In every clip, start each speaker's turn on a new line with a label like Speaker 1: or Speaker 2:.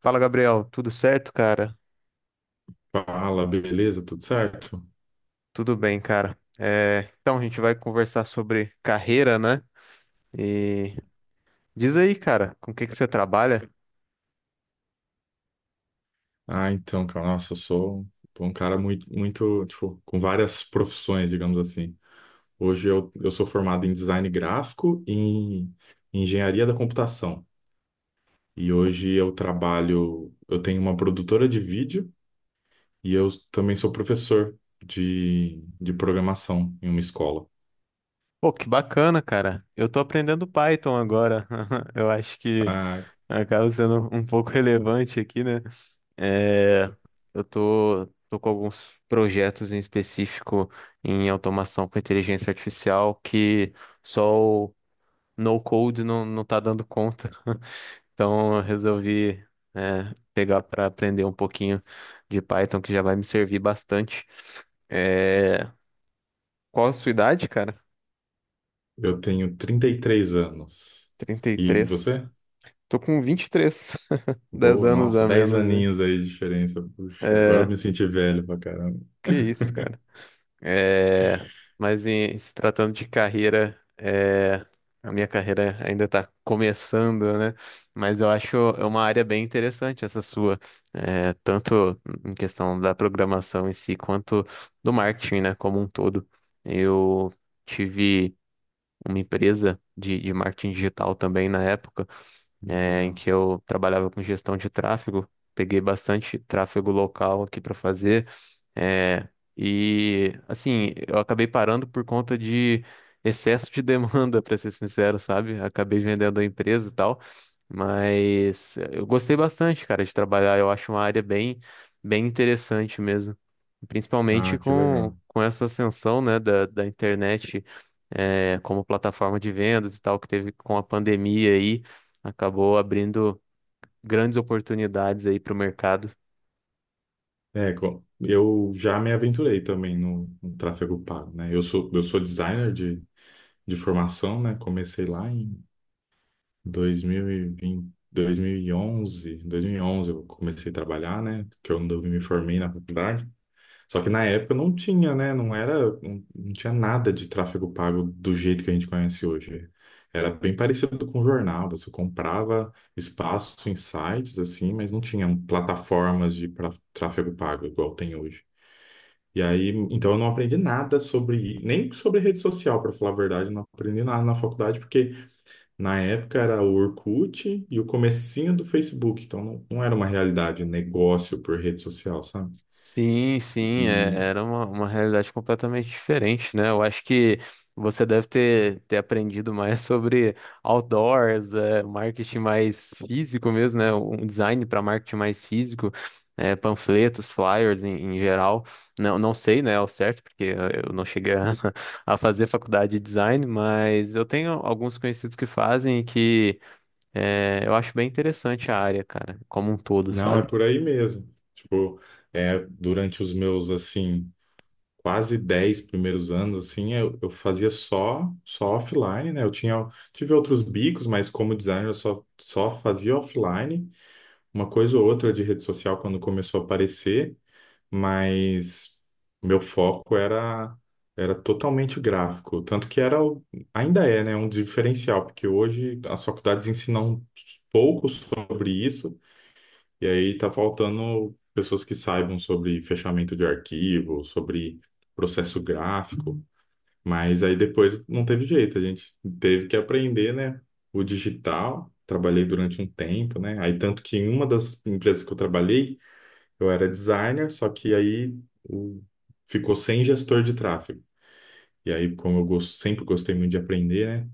Speaker 1: Fala, Gabriel. Tudo certo, cara?
Speaker 2: Fala, beleza? Tudo certo?
Speaker 1: Tudo bem, cara. Então, a gente vai conversar sobre carreira, né? E diz aí, cara, com o que que você trabalha?
Speaker 2: Então, cara, nossa, eu sou um cara tipo, com várias profissões, digamos assim. Hoje eu sou formado em design gráfico e em engenharia da computação. E hoje eu trabalho, eu tenho uma produtora de vídeo e eu também sou professor de programação em uma escola.
Speaker 1: Pô, que bacana, cara. Eu tô aprendendo Python agora. Eu acho que
Speaker 2: Ah,
Speaker 1: acaba sendo um pouco relevante aqui, né? É, eu tô com alguns projetos em específico em automação com inteligência artificial que só o no-code não tá dando conta. Então, eu resolvi, pegar para aprender um pouquinho de Python, que já vai me servir bastante. É, Qual a sua idade, cara?
Speaker 2: eu tenho 33 anos.
Speaker 1: Trinta e
Speaker 2: E
Speaker 1: três.
Speaker 2: você?
Speaker 1: Tô com 23, 10
Speaker 2: Boa,
Speaker 1: anos
Speaker 2: nossa,
Speaker 1: a
Speaker 2: 10
Speaker 1: menos, hein?
Speaker 2: aninhos aí de diferença. Puxa, agora
Speaker 1: É,
Speaker 2: eu me senti velho pra caramba.
Speaker 1: que isso, cara. É, mas se tratando de carreira, a minha carreira ainda está começando, né? Mas eu acho é uma área bem interessante essa sua, tanto em questão da programação em si, quanto do marketing, né, como um todo. Eu tive uma empresa de marketing digital também na época, em
Speaker 2: Legal.
Speaker 1: que eu trabalhava com gestão de tráfego. Peguei bastante tráfego local aqui para fazer. É, e assim, eu acabei parando por conta de excesso de demanda, para ser sincero, sabe? Acabei vendendo a empresa e tal, mas eu gostei bastante, cara, de trabalhar. Eu acho uma área bem interessante mesmo, principalmente
Speaker 2: Ah, que
Speaker 1: com,
Speaker 2: legal.
Speaker 1: com essa ascensão, né, da internet, como plataforma de vendas e tal, que teve com a pandemia aí, acabou abrindo grandes oportunidades aí para o mercado.
Speaker 2: Eu já me aventurei também no tráfego pago, né? Eu sou designer de formação, né? Comecei lá em dois dois 2011, eu comecei a trabalhar, né? Que eu não me formei na faculdade. Só que na época não tinha, né? Não era, não, não tinha nada de tráfego pago do jeito que a gente conhece hoje. Era bem parecido com jornal, você comprava espaço em sites assim, mas não tinham plataformas de tráfego pago igual tem hoje. E aí, então eu não aprendi nada sobre, nem sobre rede social, para falar a verdade, eu não aprendi nada na faculdade, porque na época era o Orkut e o comecinho do Facebook, então não era uma realidade negócio por rede social, sabe?
Speaker 1: Sim, sim, era uma realidade completamente diferente, né? Eu acho que você deve ter aprendido mais sobre outdoors, é, marketing mais físico mesmo, né? Um design para marketing mais físico, panfletos, flyers em, em geral. Não sei, né, ao certo, porque eu não cheguei a fazer faculdade de design, mas eu tenho alguns conhecidos que fazem e que eu acho bem interessante a área, cara, como um todo,
Speaker 2: Não,
Speaker 1: sabe?
Speaker 2: é por aí mesmo. Tipo, é, durante os meus, assim, quase 10 primeiros anos, assim, eu fazia só offline, né? Eu tinha, tive outros bicos, mas como designer eu só fazia offline. Uma coisa ou outra de rede social quando começou a aparecer, mas meu era totalmente gráfico. Tanto que era, ainda é, né, um diferencial, porque hoje as faculdades ensinam pouco sobre isso, e aí tá faltando pessoas que saibam sobre fechamento de arquivo, sobre processo gráfico, mas aí depois não teve jeito, a gente teve que aprender, né, o digital. Trabalhei durante um tempo, né? Aí tanto que em uma das empresas que eu trabalhei, eu era designer, só que aí o- ficou sem gestor de tráfego. E aí, como eu sempre gostei muito de aprender, né?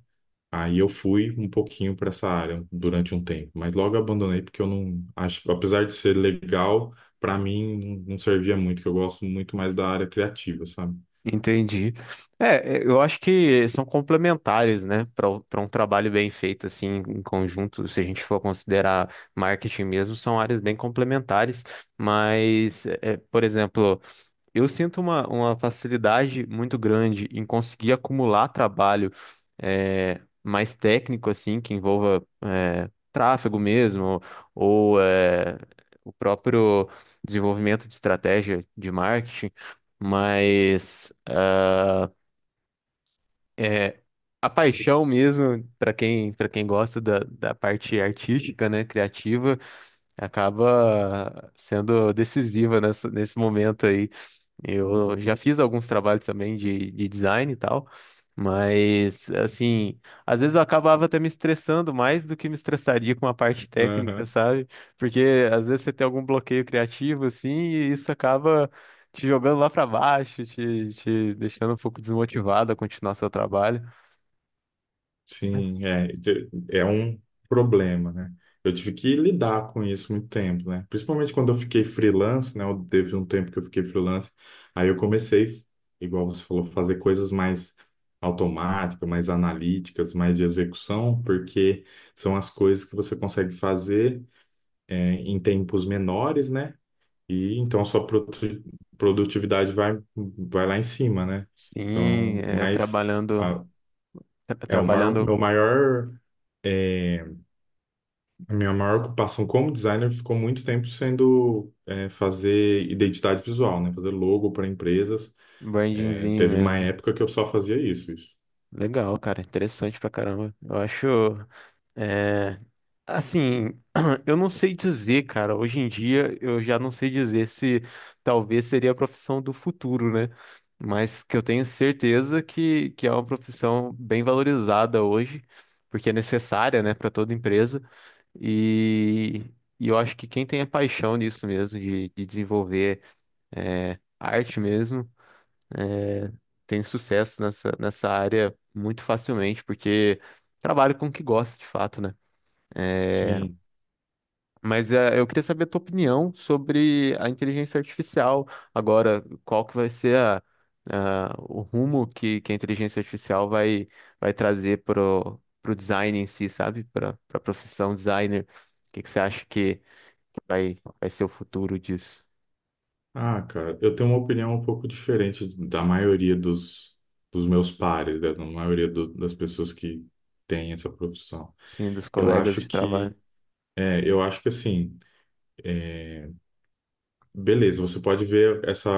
Speaker 2: Aí eu fui um pouquinho para essa área durante um tempo, mas logo abandonei porque eu não acho, apesar de ser legal, para mim não servia muito, que eu gosto muito mais da área criativa, sabe?
Speaker 1: Entendi. Eu acho que são complementares, né, para para um trabalho bem feito assim em conjunto. Se a gente for considerar marketing mesmo, são áreas bem complementares. Mas, por exemplo, eu sinto uma facilidade muito grande em conseguir acumular trabalho mais técnico, assim, que envolva tráfego mesmo, ou o próprio desenvolvimento de estratégia de marketing, mas eh, a paixão mesmo, para quem gosta da parte artística, né, criativa, acaba sendo decisiva nesse momento aí. Eu já fiz alguns trabalhos também de design e tal, mas assim, às vezes eu acabava até me estressando mais do que me estressaria com a parte técnica, sabe? Porque às vezes você tem algum bloqueio criativo assim, e isso acaba te jogando lá para baixo, te deixando um pouco desmotivado a continuar seu trabalho.
Speaker 2: Sim, é, é um problema, né? Eu tive que lidar com isso muito tempo, né? Principalmente quando eu fiquei freelance, né? Teve um tempo que eu fiquei freelance, aí eu comecei, igual você falou, fazer coisas mais automáticas, mais analíticas, mais de execução, porque são as coisas que você consegue fazer, é, em tempos menores, né? E então a sua produtividade vai, vai lá em cima, né?
Speaker 1: Sim,
Speaker 2: Então,
Speaker 1: é,
Speaker 2: mas.
Speaker 1: trabalhando
Speaker 2: Ah,
Speaker 1: tra-
Speaker 2: é o
Speaker 1: trabalhando
Speaker 2: maior, é, a minha maior ocupação como designer ficou muito tempo sendo é, fazer identidade visual, né? Fazer logo para empresas. É,
Speaker 1: brandingzinho
Speaker 2: teve uma
Speaker 1: mesmo.
Speaker 2: época que eu só fazia isso.
Speaker 1: Legal, cara. Interessante pra caramba. Eu acho. É, assim, eu não sei dizer, cara. Hoje em dia, eu já não sei dizer se talvez seria a profissão do futuro, né? Mas que eu tenho certeza que é uma profissão bem valorizada hoje, porque é necessária, né, para toda empresa. E, e eu acho que quem tem a paixão nisso mesmo, de desenvolver arte mesmo tem sucesso nessa, nessa área muito facilmente, porque trabalha com o que gosta de fato, né?
Speaker 2: Sim.
Speaker 1: Mas eu queria saber a tua opinião sobre a inteligência artificial agora, qual que vai ser o rumo que a inteligência artificial vai trazer pro, pro design em si, sabe? Para a profissão designer. Que você acha que vai ser o futuro disso?
Speaker 2: Ah, cara, eu tenho uma opinião um pouco diferente da dos meus pares, né? Da maioria das pessoas que têm essa profissão.
Speaker 1: Sim, dos
Speaker 2: Eu
Speaker 1: colegas
Speaker 2: acho
Speaker 1: de trabalho.
Speaker 2: que, é, eu acho que assim. Beleza, você pode ver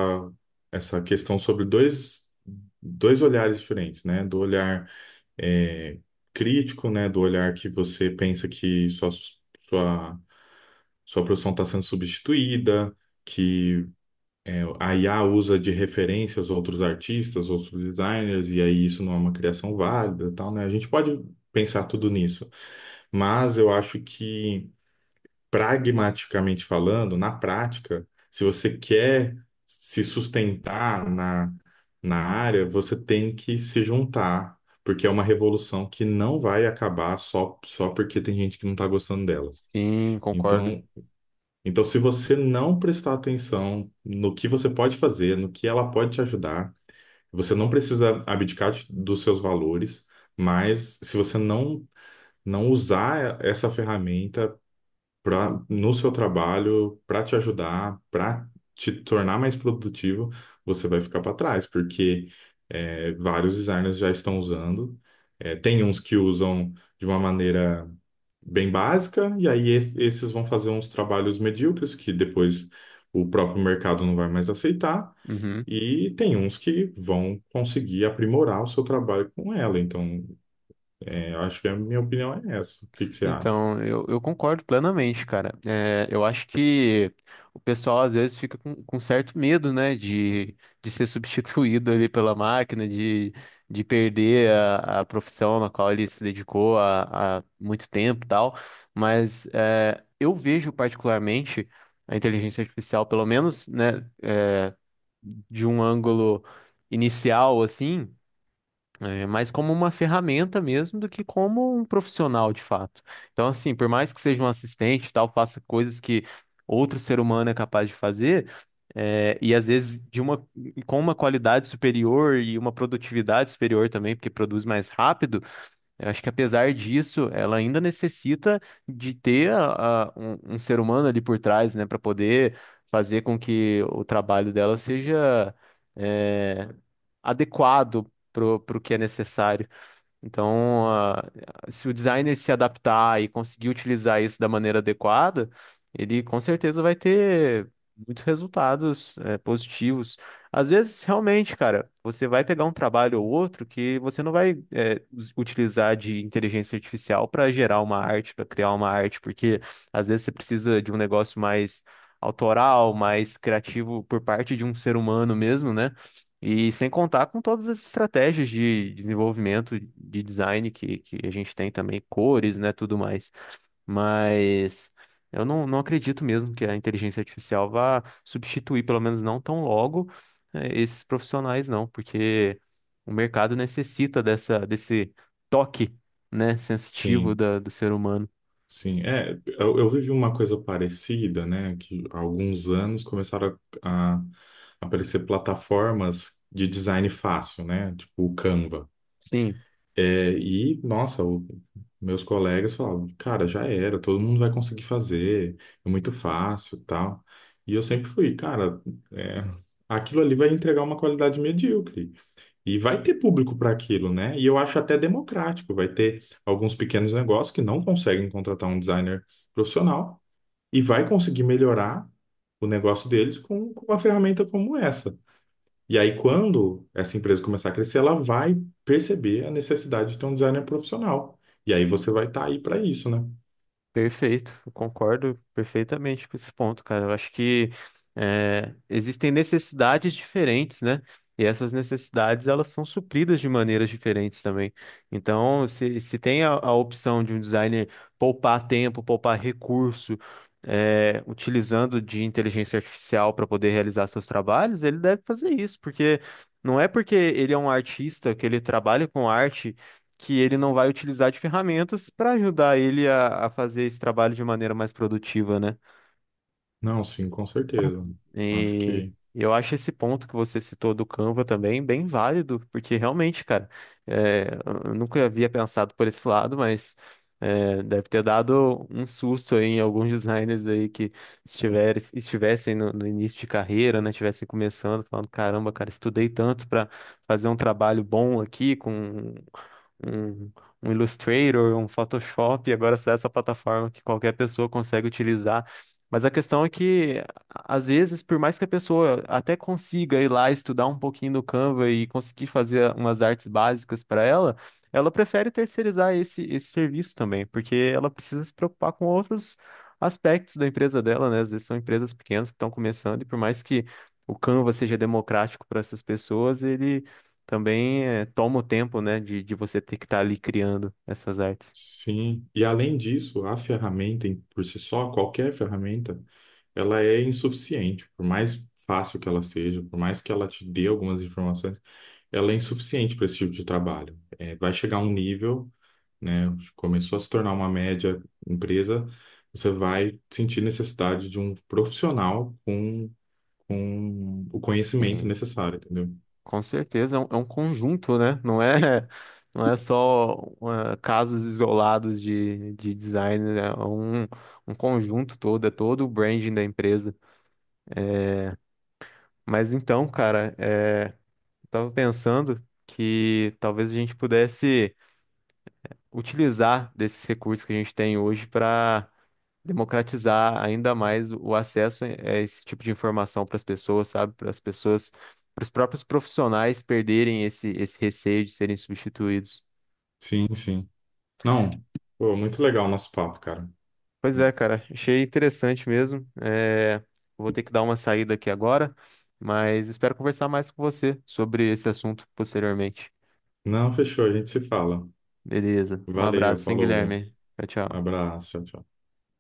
Speaker 2: essa questão sobre dois olhares diferentes, né? Do olhar é, crítico, né? Do olhar que você pensa que sua, sua profissão está sendo substituída, que é, a IA usa de referências outros artistas, outros designers, e aí isso não é uma criação válida, e tal, né? A gente pode pensar tudo nisso, mas eu acho que pragmaticamente falando, na prática, se você quer se sustentar na área, você tem que se juntar, porque é uma revolução que não vai acabar só porque tem gente que não está gostando dela.
Speaker 1: Sim, concordo.
Speaker 2: Então, então, se você não prestar atenção no que você pode fazer, no que ela pode te ajudar, você não precisa abdicar dos seus valores, mas se você não usar essa ferramenta, pra, no seu trabalho, para te ajudar, para te tornar mais produtivo, você vai ficar para trás, porque é, vários designers já estão usando. É, tem uns que usam de uma maneira bem básica, e aí esses vão fazer uns trabalhos medíocres que depois o próprio mercado não vai mais aceitar.
Speaker 1: Uhum.
Speaker 2: E tem uns que vão conseguir aprimorar o seu trabalho com ela. Então, é, eu acho que a minha opinião é essa. O que que você acha?
Speaker 1: Então, eu concordo plenamente, cara. É, eu acho que o pessoal às vezes fica com certo medo, né, de ser substituído ali pela máquina, de perder a profissão na qual ele se dedicou há muito tempo e tal. Mas é, eu vejo particularmente a inteligência artificial, pelo menos, né, de um ângulo inicial, assim. É mais como uma ferramenta mesmo do que como um profissional de fato. Então, assim, por mais que seja um assistente e tal, faça coisas que outro ser humano é capaz de fazer, e às vezes de uma, com uma qualidade superior e uma produtividade superior também, porque produz mais rápido, eu acho que apesar disso, ela ainda necessita de ter um ser humano ali por trás, né, para poder fazer com que o trabalho dela seja. é, adequado pro, pro que é necessário. Então, se o designer se adaptar e conseguir utilizar isso da maneira adequada, ele com certeza vai ter muitos resultados, positivos. Às vezes, realmente, cara, você vai pegar um trabalho ou outro que você não vai, utilizar de inteligência artificial para gerar uma arte, para criar uma arte, porque às vezes você precisa de um negócio mais autoral, mais criativo por parte de um ser humano mesmo, né? E sem contar com todas as estratégias de desenvolvimento, de design que a gente tem também, cores, né, tudo mais. Mas eu não acredito mesmo que a inteligência artificial vá substituir, pelo menos não tão logo, esses profissionais, não, porque o mercado necessita dessa, desse toque, né, sensitivo
Speaker 2: Sim.
Speaker 1: da, do ser humano.
Speaker 2: Sim, é, eu vivi uma coisa parecida, né, que há alguns anos começaram a aparecer plataformas de design fácil, né, tipo o Canva.
Speaker 1: Sim,
Speaker 2: É, e, nossa, meus colegas falavam, cara, já era, todo mundo vai conseguir fazer, é muito fácil, tal. E eu sempre fui, cara, é, aquilo ali vai entregar uma qualidade medíocre. E vai ter público para aquilo, né? E eu acho até democrático. Vai ter alguns pequenos negócios que não conseguem contratar um designer profissional e vai conseguir melhorar o negócio deles com uma ferramenta como essa. E aí, quando essa empresa começar a crescer, ela vai perceber a necessidade de ter um designer profissional. E aí você vai estar aí para isso, né?
Speaker 1: Perfeito, eu concordo perfeitamente com esse ponto, cara. Eu acho que existem necessidades diferentes, né? E essas necessidades elas são supridas de maneiras diferentes também. Então, se tem a opção de um designer poupar tempo, poupar recurso, utilizando de inteligência artificial para poder realizar seus trabalhos, ele deve fazer isso, porque não é porque ele é um artista que ele trabalha com arte que ele não vai utilizar de ferramentas para ajudar ele a fazer esse trabalho de maneira mais produtiva, né?
Speaker 2: Não, sim, com certeza. Acho
Speaker 1: E
Speaker 2: que
Speaker 1: eu acho esse ponto que você citou do Canva também bem válido, porque realmente, cara, é, eu nunca havia pensado por esse lado, mas deve ter dado um susto aí em alguns designers aí que estivessem no início de carreira, né? Estivessem começando, falando, caramba, cara, estudei tanto para fazer um trabalho bom aqui com um, um Illustrator, um Photoshop, e agora sai essa plataforma que qualquer pessoa consegue utilizar. Mas a questão é que, às vezes, por mais que a pessoa até consiga ir lá estudar um pouquinho no Canva e conseguir fazer umas artes básicas para ela, ela prefere terceirizar esse serviço também, porque ela precisa se preocupar com outros aspectos da empresa dela, né? Às vezes são empresas pequenas que estão começando, e por mais que o Canva seja democrático para essas pessoas, ele também é, toma o tempo, né, de você ter que estar ali criando essas artes.
Speaker 2: sim, e além disso, a ferramenta por si só, qualquer ferramenta, ela é insuficiente. Por mais fácil que ela seja, por mais que ela te dê algumas informações, ela é insuficiente para esse tipo de trabalho. É, vai chegar um nível, né? Começou a se tornar uma média empresa, você vai sentir necessidade de um profissional com o conhecimento
Speaker 1: Sim,
Speaker 2: necessário, entendeu?
Speaker 1: com certeza é um conjunto, né? Não é, não é só casos isolados de design, né? É um, um conjunto todo, é todo o branding da empresa. Mas então, cara, eu tava pensando que talvez a gente pudesse utilizar desses recursos que a gente tem hoje para democratizar ainda mais o acesso a esse tipo de informação para as pessoas, sabe? Para as pessoas, para os próprios profissionais perderem esse receio de serem substituídos.
Speaker 2: Sim, sim. Não, pô, muito legal o nosso papo, cara.
Speaker 1: Pois é, cara, achei interessante mesmo. Vou ter que dar uma saída aqui agora, mas espero conversar mais com você sobre esse assunto posteriormente.
Speaker 2: Não, fechou, a gente se fala.
Speaker 1: Beleza, um
Speaker 2: Valeu,
Speaker 1: abraço, hein,
Speaker 2: falou.
Speaker 1: Guilherme? Tchau, tchau.
Speaker 2: Abraço, tchau, tchau.